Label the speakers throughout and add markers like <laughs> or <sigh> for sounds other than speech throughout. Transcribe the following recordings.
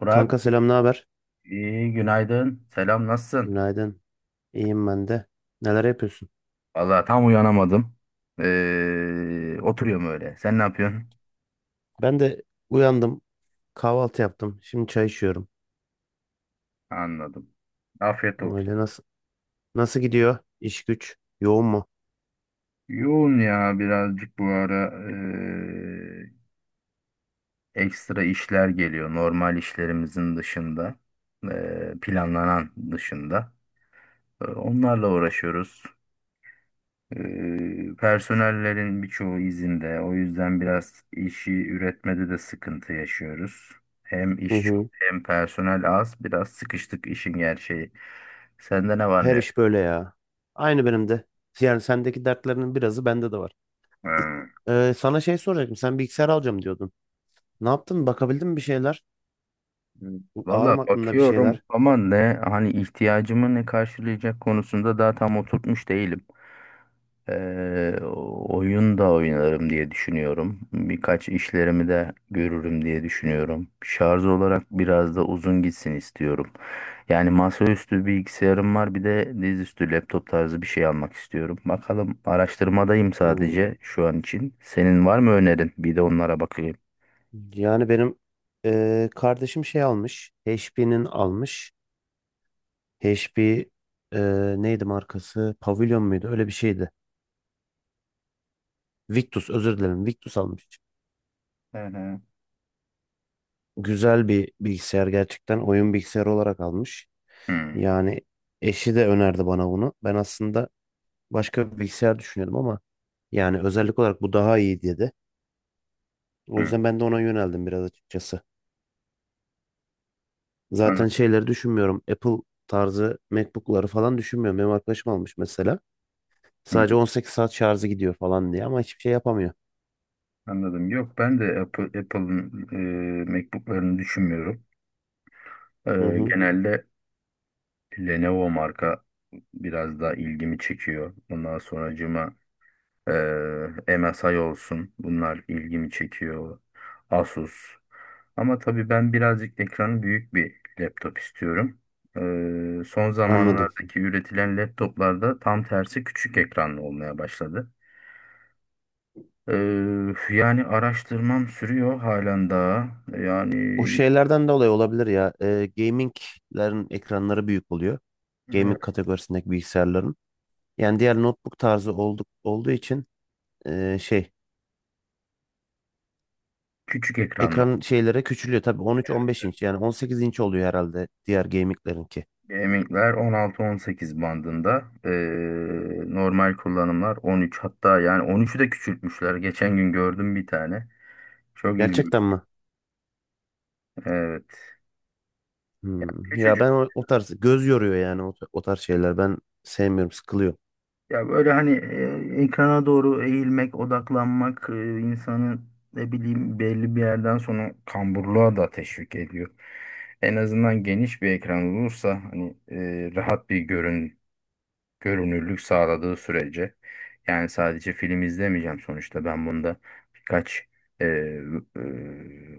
Speaker 1: Burak,
Speaker 2: Kanka selam, ne haber?
Speaker 1: iyi günaydın. Selam, nasılsın?
Speaker 2: Günaydın. İyiyim ben de. Neler yapıyorsun?
Speaker 1: Valla tam uyanamadım. Oturuyorum öyle. Sen ne yapıyorsun?
Speaker 2: Ben de uyandım, kahvaltı yaptım. Şimdi çay içiyorum.
Speaker 1: Anladım. Afiyet olsun.
Speaker 2: Öyle nasıl gidiyor? İş güç yoğun mu?
Speaker 1: Yoğun ya birazcık bu ara ekstra işler geliyor. Normal işlerimizin dışında. Planlanan dışında. Onlarla uğraşıyoruz. Personellerin birçoğu izinde. O yüzden biraz işi üretmede de sıkıntı yaşıyoruz. Hem
Speaker 2: Hı
Speaker 1: iş çok
Speaker 2: hı.
Speaker 1: hem personel az. Biraz sıkıştık işin gerçeği. Sende ne var ne
Speaker 2: Her iş
Speaker 1: yok?
Speaker 2: böyle ya. Aynı benim de. Yani sendeki dertlerinin birazı bende de var.
Speaker 1: Hmm.
Speaker 2: Sana şey soracaktım. Sen bilgisayar alacağım diyordun. Ne yaptın? Bakabildin mi bir şeyler? Ağır
Speaker 1: Valla
Speaker 2: mı aklında bir
Speaker 1: bakıyorum
Speaker 2: şeyler?
Speaker 1: ama ne hani ihtiyacımı ne karşılayacak konusunda daha tam oturtmuş değilim. Eee, oyun da oynarım diye düşünüyorum. Birkaç işlerimi de görürüm diye düşünüyorum. Şarj olarak biraz da uzun gitsin istiyorum. Yani masaüstü bilgisayarım var, bir de dizüstü laptop tarzı bir şey almak istiyorum. Bakalım, araştırmadayım
Speaker 2: Hmm.
Speaker 1: sadece şu an için. Senin var mı önerin? Bir de onlara bakayım.
Speaker 2: Yani benim kardeşim şey almış. HP'nin almış. HP e, neydi markası? Pavilion muydu? Öyle bir şeydi. Victus özür dilerim. Victus almış.
Speaker 1: Hı hı.
Speaker 2: Güzel bir bilgisayar gerçekten. Oyun bilgisayarı olarak almış.
Speaker 1: Hı
Speaker 2: Yani eşi de önerdi bana bunu. Ben aslında başka bir bilgisayar düşünüyordum ama yani özellik olarak bu daha iyi dedi. O
Speaker 1: hı.
Speaker 2: yüzden ben de ona yöneldim biraz açıkçası.
Speaker 1: An-
Speaker 2: Zaten şeyleri düşünmüyorum. Apple tarzı MacBook'ları falan düşünmüyorum. Benim arkadaşım almış mesela.
Speaker 1: hı,
Speaker 2: Sadece 18 saat şarjı gidiyor falan diye ama hiçbir şey yapamıyor.
Speaker 1: Anladım. Yok, ben de Apple'ın MacBook'larını düşünmüyorum.
Speaker 2: Hı
Speaker 1: Eee,
Speaker 2: hı,
Speaker 1: genelde Lenovo marka biraz daha ilgimi çekiyor. Ondan sonracığıma MSI olsun. Bunlar ilgimi çekiyor. Asus. Ama tabii ben birazcık ekranı büyük bir laptop istiyorum. Son
Speaker 2: anladım.
Speaker 1: zamanlardaki üretilen laptoplarda tam tersi küçük ekranlı olmaya başladı. Eee, yani araştırmam sürüyor halen daha. Yani
Speaker 2: O şeylerden dolayı olabilir ya. Gaming'lerin ekranları büyük oluyor. Gaming
Speaker 1: evet,
Speaker 2: kategorisindeki bilgisayarların. Yani diğer notebook tarzı olduğu için e, şey
Speaker 1: küçük ekranlı
Speaker 2: ekran şeylere küçülüyor. Tabii 13-15 inç yani 18 inç oluyor herhalde diğer gaming'lerinki.
Speaker 1: Gaming'ler 16-18 bandında. Normal kullanımlar 13, hatta yani 13'ü de küçültmüşler. Geçen gün gördüm bir tane. Çok ilginç.
Speaker 2: Gerçekten mi?
Speaker 1: Evet.
Speaker 2: Hmm. Ya
Speaker 1: Küçücük.
Speaker 2: ben o tarz göz yoruyor yani o tarz şeyler. Ben sevmiyorum, sıkılıyor.
Speaker 1: Ya böyle hani ekrana doğru eğilmek, odaklanmak, insanı, ne bileyim, belli bir yerden sonra kamburluğa da teşvik ediyor. En azından geniş bir ekran olursa, hani rahat bir görünürlük sağladığı sürece. Yani sadece film izlemeyeceğim sonuçta, ben bunda birkaç e, e,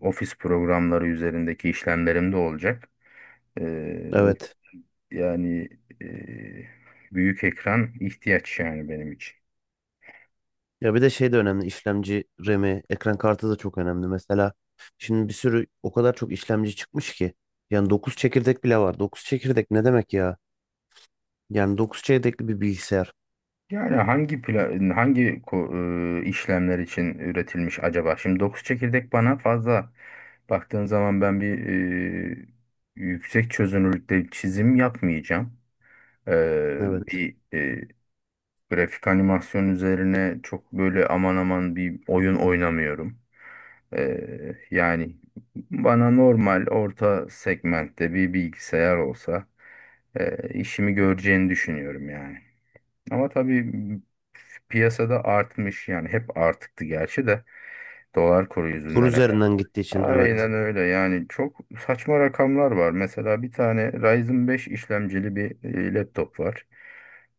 Speaker 1: ofis programları üzerindeki işlemlerim de olacak. E, o-
Speaker 2: Evet.
Speaker 1: yani e, büyük ekran ihtiyaç yani benim için.
Speaker 2: Ya bir de şey de önemli. İşlemci RAM'i, ekran kartı da çok önemli. Mesela şimdi bir sürü o kadar çok işlemci çıkmış ki. Yani dokuz çekirdek bile var. Dokuz çekirdek ne demek ya? Yani 9 çekirdekli bir bilgisayar.
Speaker 1: Yani hangi pla- hangi ko- işlemler için üretilmiş acaba? Şimdi 9 çekirdek bana fazla, baktığın zaman ben bir e, yüksek çözünürlükte çizim yapmayacağım. Ee,
Speaker 2: Evet.
Speaker 1: bir grafik animasyon üzerine çok böyle aman aman bir oyun oynamıyorum. Yani bana normal orta segmentte bir bilgisayar olsa, işimi göreceğini düşünüyorum yani. Ama tabii piyasada artmış yani, hep artıktı gerçi de, dolar kuru
Speaker 2: Kur
Speaker 1: yüzünden.
Speaker 2: üzerinden gittiği için evet.
Speaker 1: Aynen öyle yani, çok saçma rakamlar var. Mesela bir tane Ryzen 5 işlemcili bir laptop var.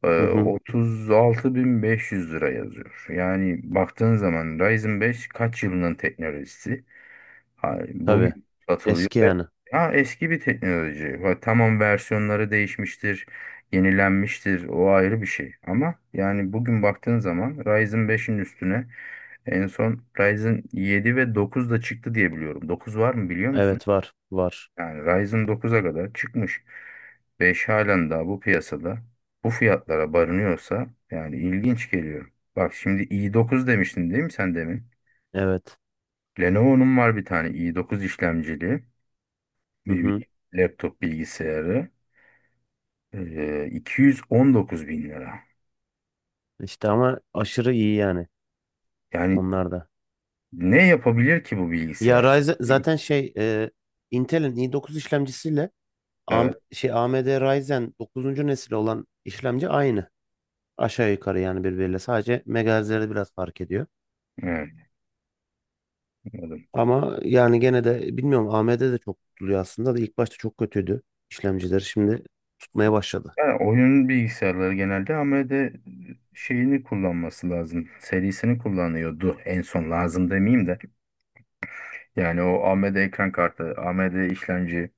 Speaker 2: Hı hı.
Speaker 1: 36.500 lira yazıyor. Yani baktığın zaman Ryzen 5 kaç yılının teknolojisi? Hayır,
Speaker 2: Tabii.
Speaker 1: bugün satılıyor
Speaker 2: Eski
Speaker 1: ve
Speaker 2: yani.
Speaker 1: ya eski bir teknoloji. Ha, tamam, versiyonları değişmiştir, yenilenmiştir. O ayrı bir şey. Ama yani bugün baktığın zaman Ryzen 5'in üstüne en son Ryzen 7 ve 9 da çıktı diye biliyorum. 9 var mı biliyor musun?
Speaker 2: Evet var. Var.
Speaker 1: Yani Ryzen 9'a kadar çıkmış. 5 halen daha bu piyasada bu fiyatlara barınıyorsa yani ilginç geliyor. Bak şimdi i9 demiştin değil mi sen demin?
Speaker 2: Evet.
Speaker 1: Lenovo'nun var bir tane i9 işlemcili
Speaker 2: Hı hı.
Speaker 1: bir laptop bilgisayarı, 219.000 lira.
Speaker 2: İşte ama aşırı iyi yani
Speaker 1: Yani
Speaker 2: onlar da.
Speaker 1: ne yapabilir ki bu
Speaker 2: Ya
Speaker 1: bilgisayar?
Speaker 2: Ryzen zaten Intel'in i9 işlemcisiyle AM,
Speaker 1: Evet,
Speaker 2: şey AMD Ryzen 9. nesil olan işlemci aynı. Aşağı yukarı yani birbiriyle sadece megahertzleri biraz fark ediyor.
Speaker 1: evet, anladım.
Speaker 2: Ama yani gene de bilmiyorum AMD de çok tutuluyor aslında da ilk başta çok kötüydü işlemcileri şimdi tutmaya başladı.
Speaker 1: Yani oyun bilgisayarları genelde AMD şeyini kullanması lazım. Serisini kullanıyordu en son, lazım demeyeyim de. Yani o AMD ekran kartı, AMD işlemci,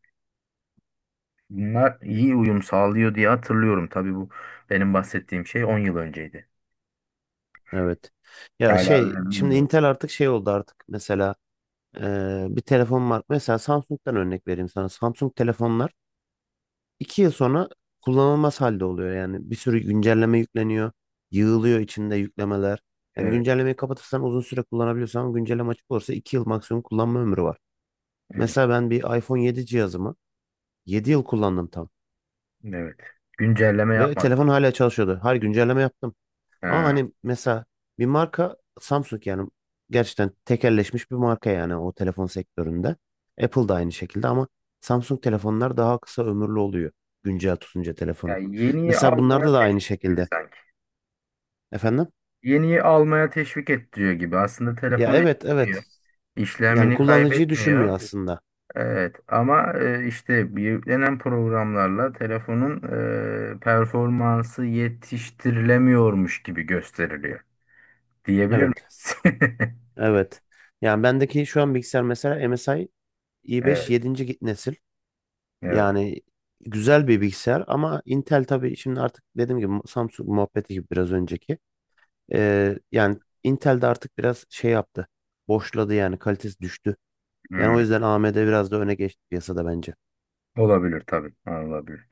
Speaker 1: bunlar iyi uyum sağlıyor diye hatırlıyorum. Tabii bu benim bahsettiğim şey 10 yıl önceydi.
Speaker 2: Evet. Ya
Speaker 1: Hala öyle
Speaker 2: şimdi
Speaker 1: bilmiyorum.
Speaker 2: Intel artık oldu artık mesela bir telefon var. Mesela Samsung'dan örnek vereyim sana. Samsung telefonlar 2 yıl sonra kullanılmaz halde oluyor. Yani bir sürü güncelleme yükleniyor. Yığılıyor içinde yüklemeler. Yani
Speaker 1: Evet,
Speaker 2: güncellemeyi kapatırsan uzun süre kullanabiliyorsan güncelleme açık olursa 2 yıl maksimum kullanma ömrü var.
Speaker 1: evet,
Speaker 2: Mesela ben bir iPhone 7 cihazımı 7 yıl kullandım tam.
Speaker 1: evet. Güncelleme
Speaker 2: Ve
Speaker 1: yapmadı.
Speaker 2: telefon hala çalışıyordu. Her güncelleme yaptım. Ama
Speaker 1: Ha.
Speaker 2: hani mesela bir marka Samsung yani gerçekten tekelleşmiş bir marka yani o telefon sektöründe. Apple da aynı şekilde ama Samsung telefonlar daha kısa ömürlü oluyor güncel tutunca telefonu.
Speaker 1: Yani yeniyi
Speaker 2: Mesela
Speaker 1: almaya
Speaker 2: bunlarda da aynı
Speaker 1: teşvik gibi
Speaker 2: şekilde.
Speaker 1: sanki.
Speaker 2: Efendim?
Speaker 1: Yeniyi almaya teşvik ettiriyor gibi. Aslında
Speaker 2: Ya
Speaker 1: telefon
Speaker 2: evet
Speaker 1: etmiyor.
Speaker 2: evet. Yani
Speaker 1: İşlemini, evet,
Speaker 2: kullanıcıyı
Speaker 1: kaybetmiyor.
Speaker 2: düşünmüyor aslında.
Speaker 1: Evet, ama işte bir yüklenen programlarla telefonun performansı yetiştirilemiyormuş gibi gösteriliyor. Diyebilir
Speaker 2: Evet.
Speaker 1: miyiz? <laughs>
Speaker 2: Evet. Yani bendeki şu an bilgisayar mesela MSI i5
Speaker 1: Evet.
Speaker 2: 7. nesil.
Speaker 1: Evet.
Speaker 2: Yani güzel bir bilgisayar ama Intel tabii şimdi artık dediğim gibi Samsung muhabbeti gibi biraz önceki. Yani Intel de artık biraz yaptı. Boşladı yani kalitesi düştü. Yani o
Speaker 1: Hmm.
Speaker 2: yüzden AMD biraz da öne geçti piyasada bence.
Speaker 1: Olabilir tabii. Olabilir.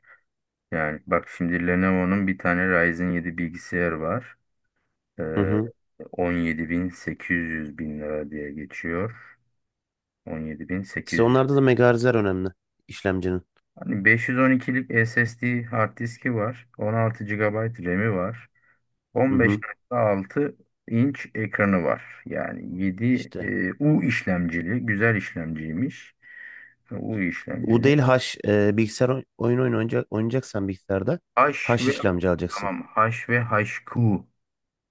Speaker 1: Yani bak şimdi Lenovo'nun bir tane Ryzen 7 bilgisayarı var.
Speaker 2: Hı
Speaker 1: Ee,
Speaker 2: hı.
Speaker 1: 17.800 bin sekiz yüz bin lira diye geçiyor.
Speaker 2: İşte
Speaker 1: 17.800.
Speaker 2: onlarda da megahertzler önemli işlemcinin.
Speaker 1: Hani 512'lik SSD hard diski var. 16 gigabayt RAM'i var.
Speaker 2: Hı hı.
Speaker 1: 15.6 inç ekranı var. Yani 7
Speaker 2: İşte
Speaker 1: U işlemcili, güzel işlemciymiş. U
Speaker 2: U
Speaker 1: işlemcili.
Speaker 2: değil H bilgisayar oynayacaksan bilgisayarda H
Speaker 1: H ve
Speaker 2: işlemci alacaksın.
Speaker 1: tamam, H ve HQ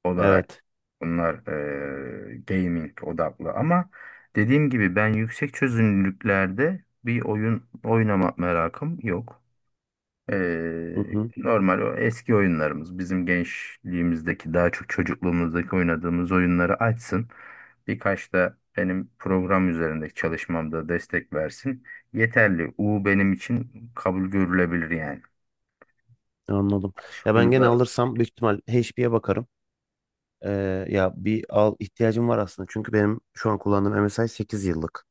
Speaker 1: olarak,
Speaker 2: Evet.
Speaker 1: bunlar gaming odaklı, ama dediğim gibi ben yüksek çözünürlüklerde bir oyun oynama merakım yok.
Speaker 2: Hı
Speaker 1: Eee,
Speaker 2: hı.
Speaker 1: normal o eski oyunlarımız, bizim gençliğimizdeki, daha çok çocukluğumuzdaki oynadığımız oyunları açsın. Birkaç da benim program üzerindeki çalışmamda destek versin. Yeterli. U benim için kabul görülebilir yani.
Speaker 2: Anladım.
Speaker 1: Aşk
Speaker 2: Ya ben gene
Speaker 1: U'da,
Speaker 2: alırsam büyük ihtimal HP'ye bakarım. Ya bir al ihtiyacım var aslında. Çünkü benim şu an kullandığım MSI 8 yıllık.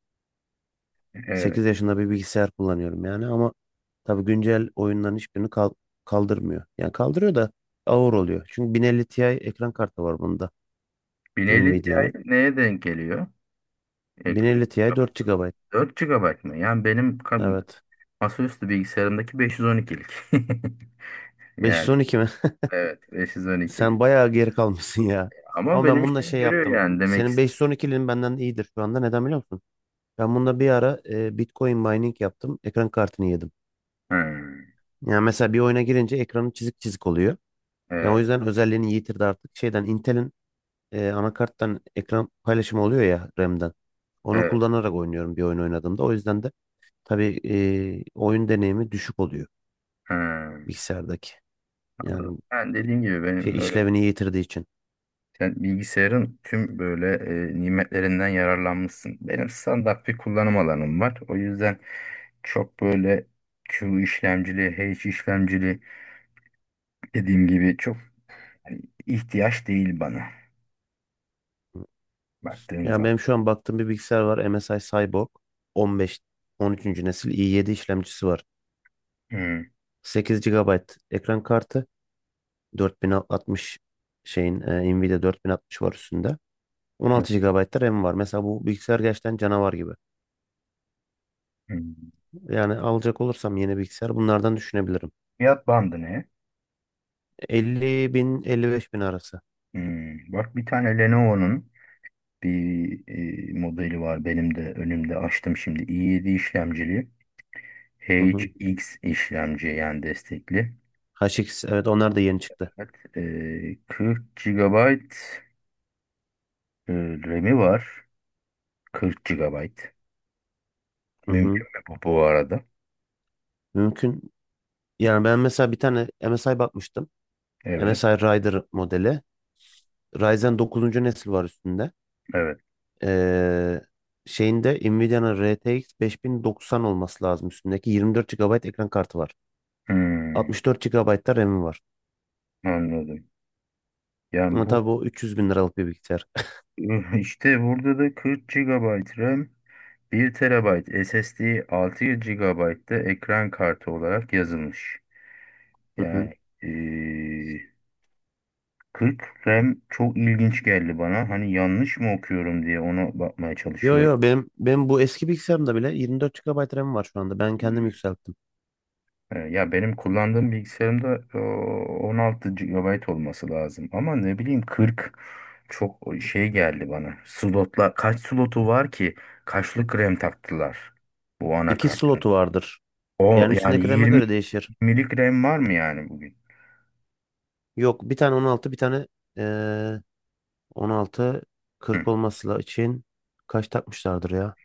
Speaker 1: evet.
Speaker 2: 8 yaşında bir bilgisayar kullanıyorum yani ama tabii güncel oyunların hiçbirini kaldırmıyor. Yani kaldırıyor da ağır oluyor. Çünkü 1050 Ti ekran kartı var bunda
Speaker 1: Bineli Cahit
Speaker 2: Nvidia'nın.
Speaker 1: neye denk geliyor?
Speaker 2: 1050 Ti
Speaker 1: GB.
Speaker 2: 4 GB.
Speaker 1: 4 mı? Yani benim
Speaker 2: Evet.
Speaker 1: masaüstü bilgisayarımdaki 512'lik. <laughs> Yani
Speaker 2: 512 mi?
Speaker 1: evet,
Speaker 2: <laughs> Sen
Speaker 1: 512'lik.
Speaker 2: bayağı geri kalmışsın ya.
Speaker 1: Ama
Speaker 2: Ama
Speaker 1: benim
Speaker 2: ben bununla
Speaker 1: işimi
Speaker 2: şey
Speaker 1: görüyor
Speaker 2: yaptım.
Speaker 1: yani, demek
Speaker 2: Senin 512'lin benden iyidir şu anda. Neden biliyor musun? Ben bunda bir ara Bitcoin mining yaptım. Ekran kartını yedim.
Speaker 1: istedim.
Speaker 2: Yani mesela bir oyuna girince ekranı çizik çizik oluyor. Ya o
Speaker 1: Evet,
Speaker 2: yüzden özelliğini yitirdi artık. Şeyden Intel'in anakarttan ekran paylaşımı oluyor ya RAM'den. Onu
Speaker 1: evet.
Speaker 2: kullanarak oynuyorum bir oyun oynadığımda. O yüzden de tabii oyun deneyimi düşük oluyor
Speaker 1: Ha.
Speaker 2: bilgisayardaki. Yani
Speaker 1: Yani dediğim gibi benim
Speaker 2: şey
Speaker 1: öyle,
Speaker 2: işlevini yitirdiği için.
Speaker 1: sen bilgisayarın tüm böyle nimetlerinden yararlanmışsın. Benim standart bir kullanım alanım var. O yüzden çok böyle Q işlemcili, H işlemcili dediğim gibi, çok hani ihtiyaç değil bana baktığın
Speaker 2: Ya
Speaker 1: zaman.
Speaker 2: benim şu an baktığım bir bilgisayar var. MSI Cyborg 15 13. nesil i7 işlemcisi var.
Speaker 1: Hmm,
Speaker 2: 8 gigabayt ekran kartı, 4060 şeyin Nvidia 4060 var üstünde.
Speaker 1: hmm,
Speaker 2: 16 GB RAM var. Mesela bu bilgisayar gerçekten canavar gibi.
Speaker 1: hmm.
Speaker 2: Yani alacak olursam yeni bilgisayar bunlardan düşünebilirim.
Speaker 1: Fiyat bandı ne?
Speaker 2: 50 bin 55 bin arası.
Speaker 1: Hmm, bak bir tane Lenovo'nun bir modeli var, benim de önümde açtım şimdi. i7 işlemcili
Speaker 2: Hı hı.
Speaker 1: HX işlemci yani destekli.
Speaker 2: HX evet onlar da yeni çıktı.
Speaker 1: Evet, 40 GB e, RAM'i var. 40 GB.
Speaker 2: Hı hı.
Speaker 1: Mümkün mü bu, bu arada?
Speaker 2: Mümkün. Yani ben mesela bir tane MSI bakmıştım.
Speaker 1: Evet.
Speaker 2: MSI Rider modeli. Ryzen dokuzuncu nesil var üstünde.
Speaker 1: Evet.
Speaker 2: Ee, Şeyinde Nvidia'nın RTX 5090 olması lazım üstündeki. 24 gigabayt ekran kartı var.
Speaker 1: Hmm,
Speaker 2: 64 GB da RAM'i var.
Speaker 1: anladım. Yani
Speaker 2: Ama
Speaker 1: bu,
Speaker 2: tabii bu 300 bin liralık bir bilgisayar.
Speaker 1: <laughs> işte burada da 40 GB RAM, 1 TB SSD, 6 gigabayt da ekran kartı olarak yazılmış. Yani
Speaker 2: <laughs>
Speaker 1: eee, 40 RAM çok ilginç geldi bana. Hani yanlış mı okuyorum diye ona bakmaya
Speaker 2: Yo
Speaker 1: çalışıyorum.
Speaker 2: yo benim bu eski bilgisayarımda bile 24 GB RAM var şu anda. Ben kendim
Speaker 1: Hmm.
Speaker 2: yükselttim.
Speaker 1: Ya benim kullandığım bilgisayarımda 16 gigabayt olması lazım. Ama ne bileyim 40, çok şey geldi bana. Slotla kaç slotu var ki? Kaçlık RAM taktılar bu
Speaker 2: İki
Speaker 1: anakartın?
Speaker 2: slotu vardır.
Speaker 1: O
Speaker 2: Yani
Speaker 1: yani
Speaker 2: üstündeki RAM'e
Speaker 1: 20.
Speaker 2: göre değişir.
Speaker 1: 20'lik RAM var mı yani bugün?
Speaker 2: Yok bir tane 16 bir tane eee 16 40
Speaker 1: Hı.
Speaker 2: olması için kaç takmışlardır ya?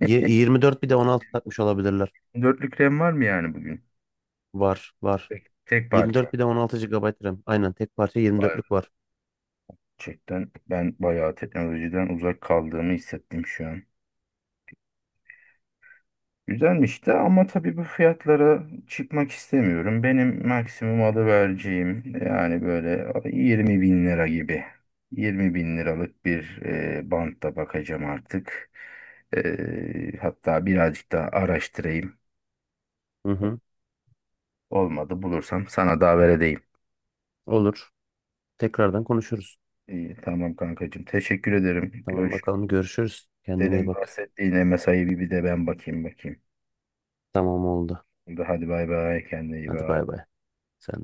Speaker 2: 24 bir de 16 takmış olabilirler.
Speaker 1: Dörtlük RAM var mı yani bugün?
Speaker 2: Var var.
Speaker 1: Tek, tek parça.
Speaker 2: 24
Speaker 1: Yok.
Speaker 2: bir de 16 GB RAM. Aynen tek parça 24'lük var.
Speaker 1: Gerçekten ben bayağı teknolojiden uzak kaldığımı hissettim şu an. Güzelmiş de, ama tabii bu fiyatlara çıkmak istemiyorum. Benim maksimum alı vereceğim yani böyle 20 bin lira gibi. 20 bin liralık bir bantta bakacağım artık. Hatta birazcık daha araştırayım.
Speaker 2: Hı hı,
Speaker 1: Olmadı, bulursam sana da haber edeyim.
Speaker 2: olur. Tekrardan konuşuruz.
Speaker 1: İyi, tamam kankacığım. Teşekkür ederim.
Speaker 2: Tamam
Speaker 1: Görüşürüz.
Speaker 2: bakalım görüşürüz. Kendine iyi
Speaker 1: Senin
Speaker 2: bak.
Speaker 1: bahsettiğin MSI'ye bir de ben bakayım bakayım.
Speaker 2: Tamam oldu.
Speaker 1: Hadi bay bay, kendine iyi
Speaker 2: Hadi bay
Speaker 1: bak.
Speaker 2: bay. Sen de.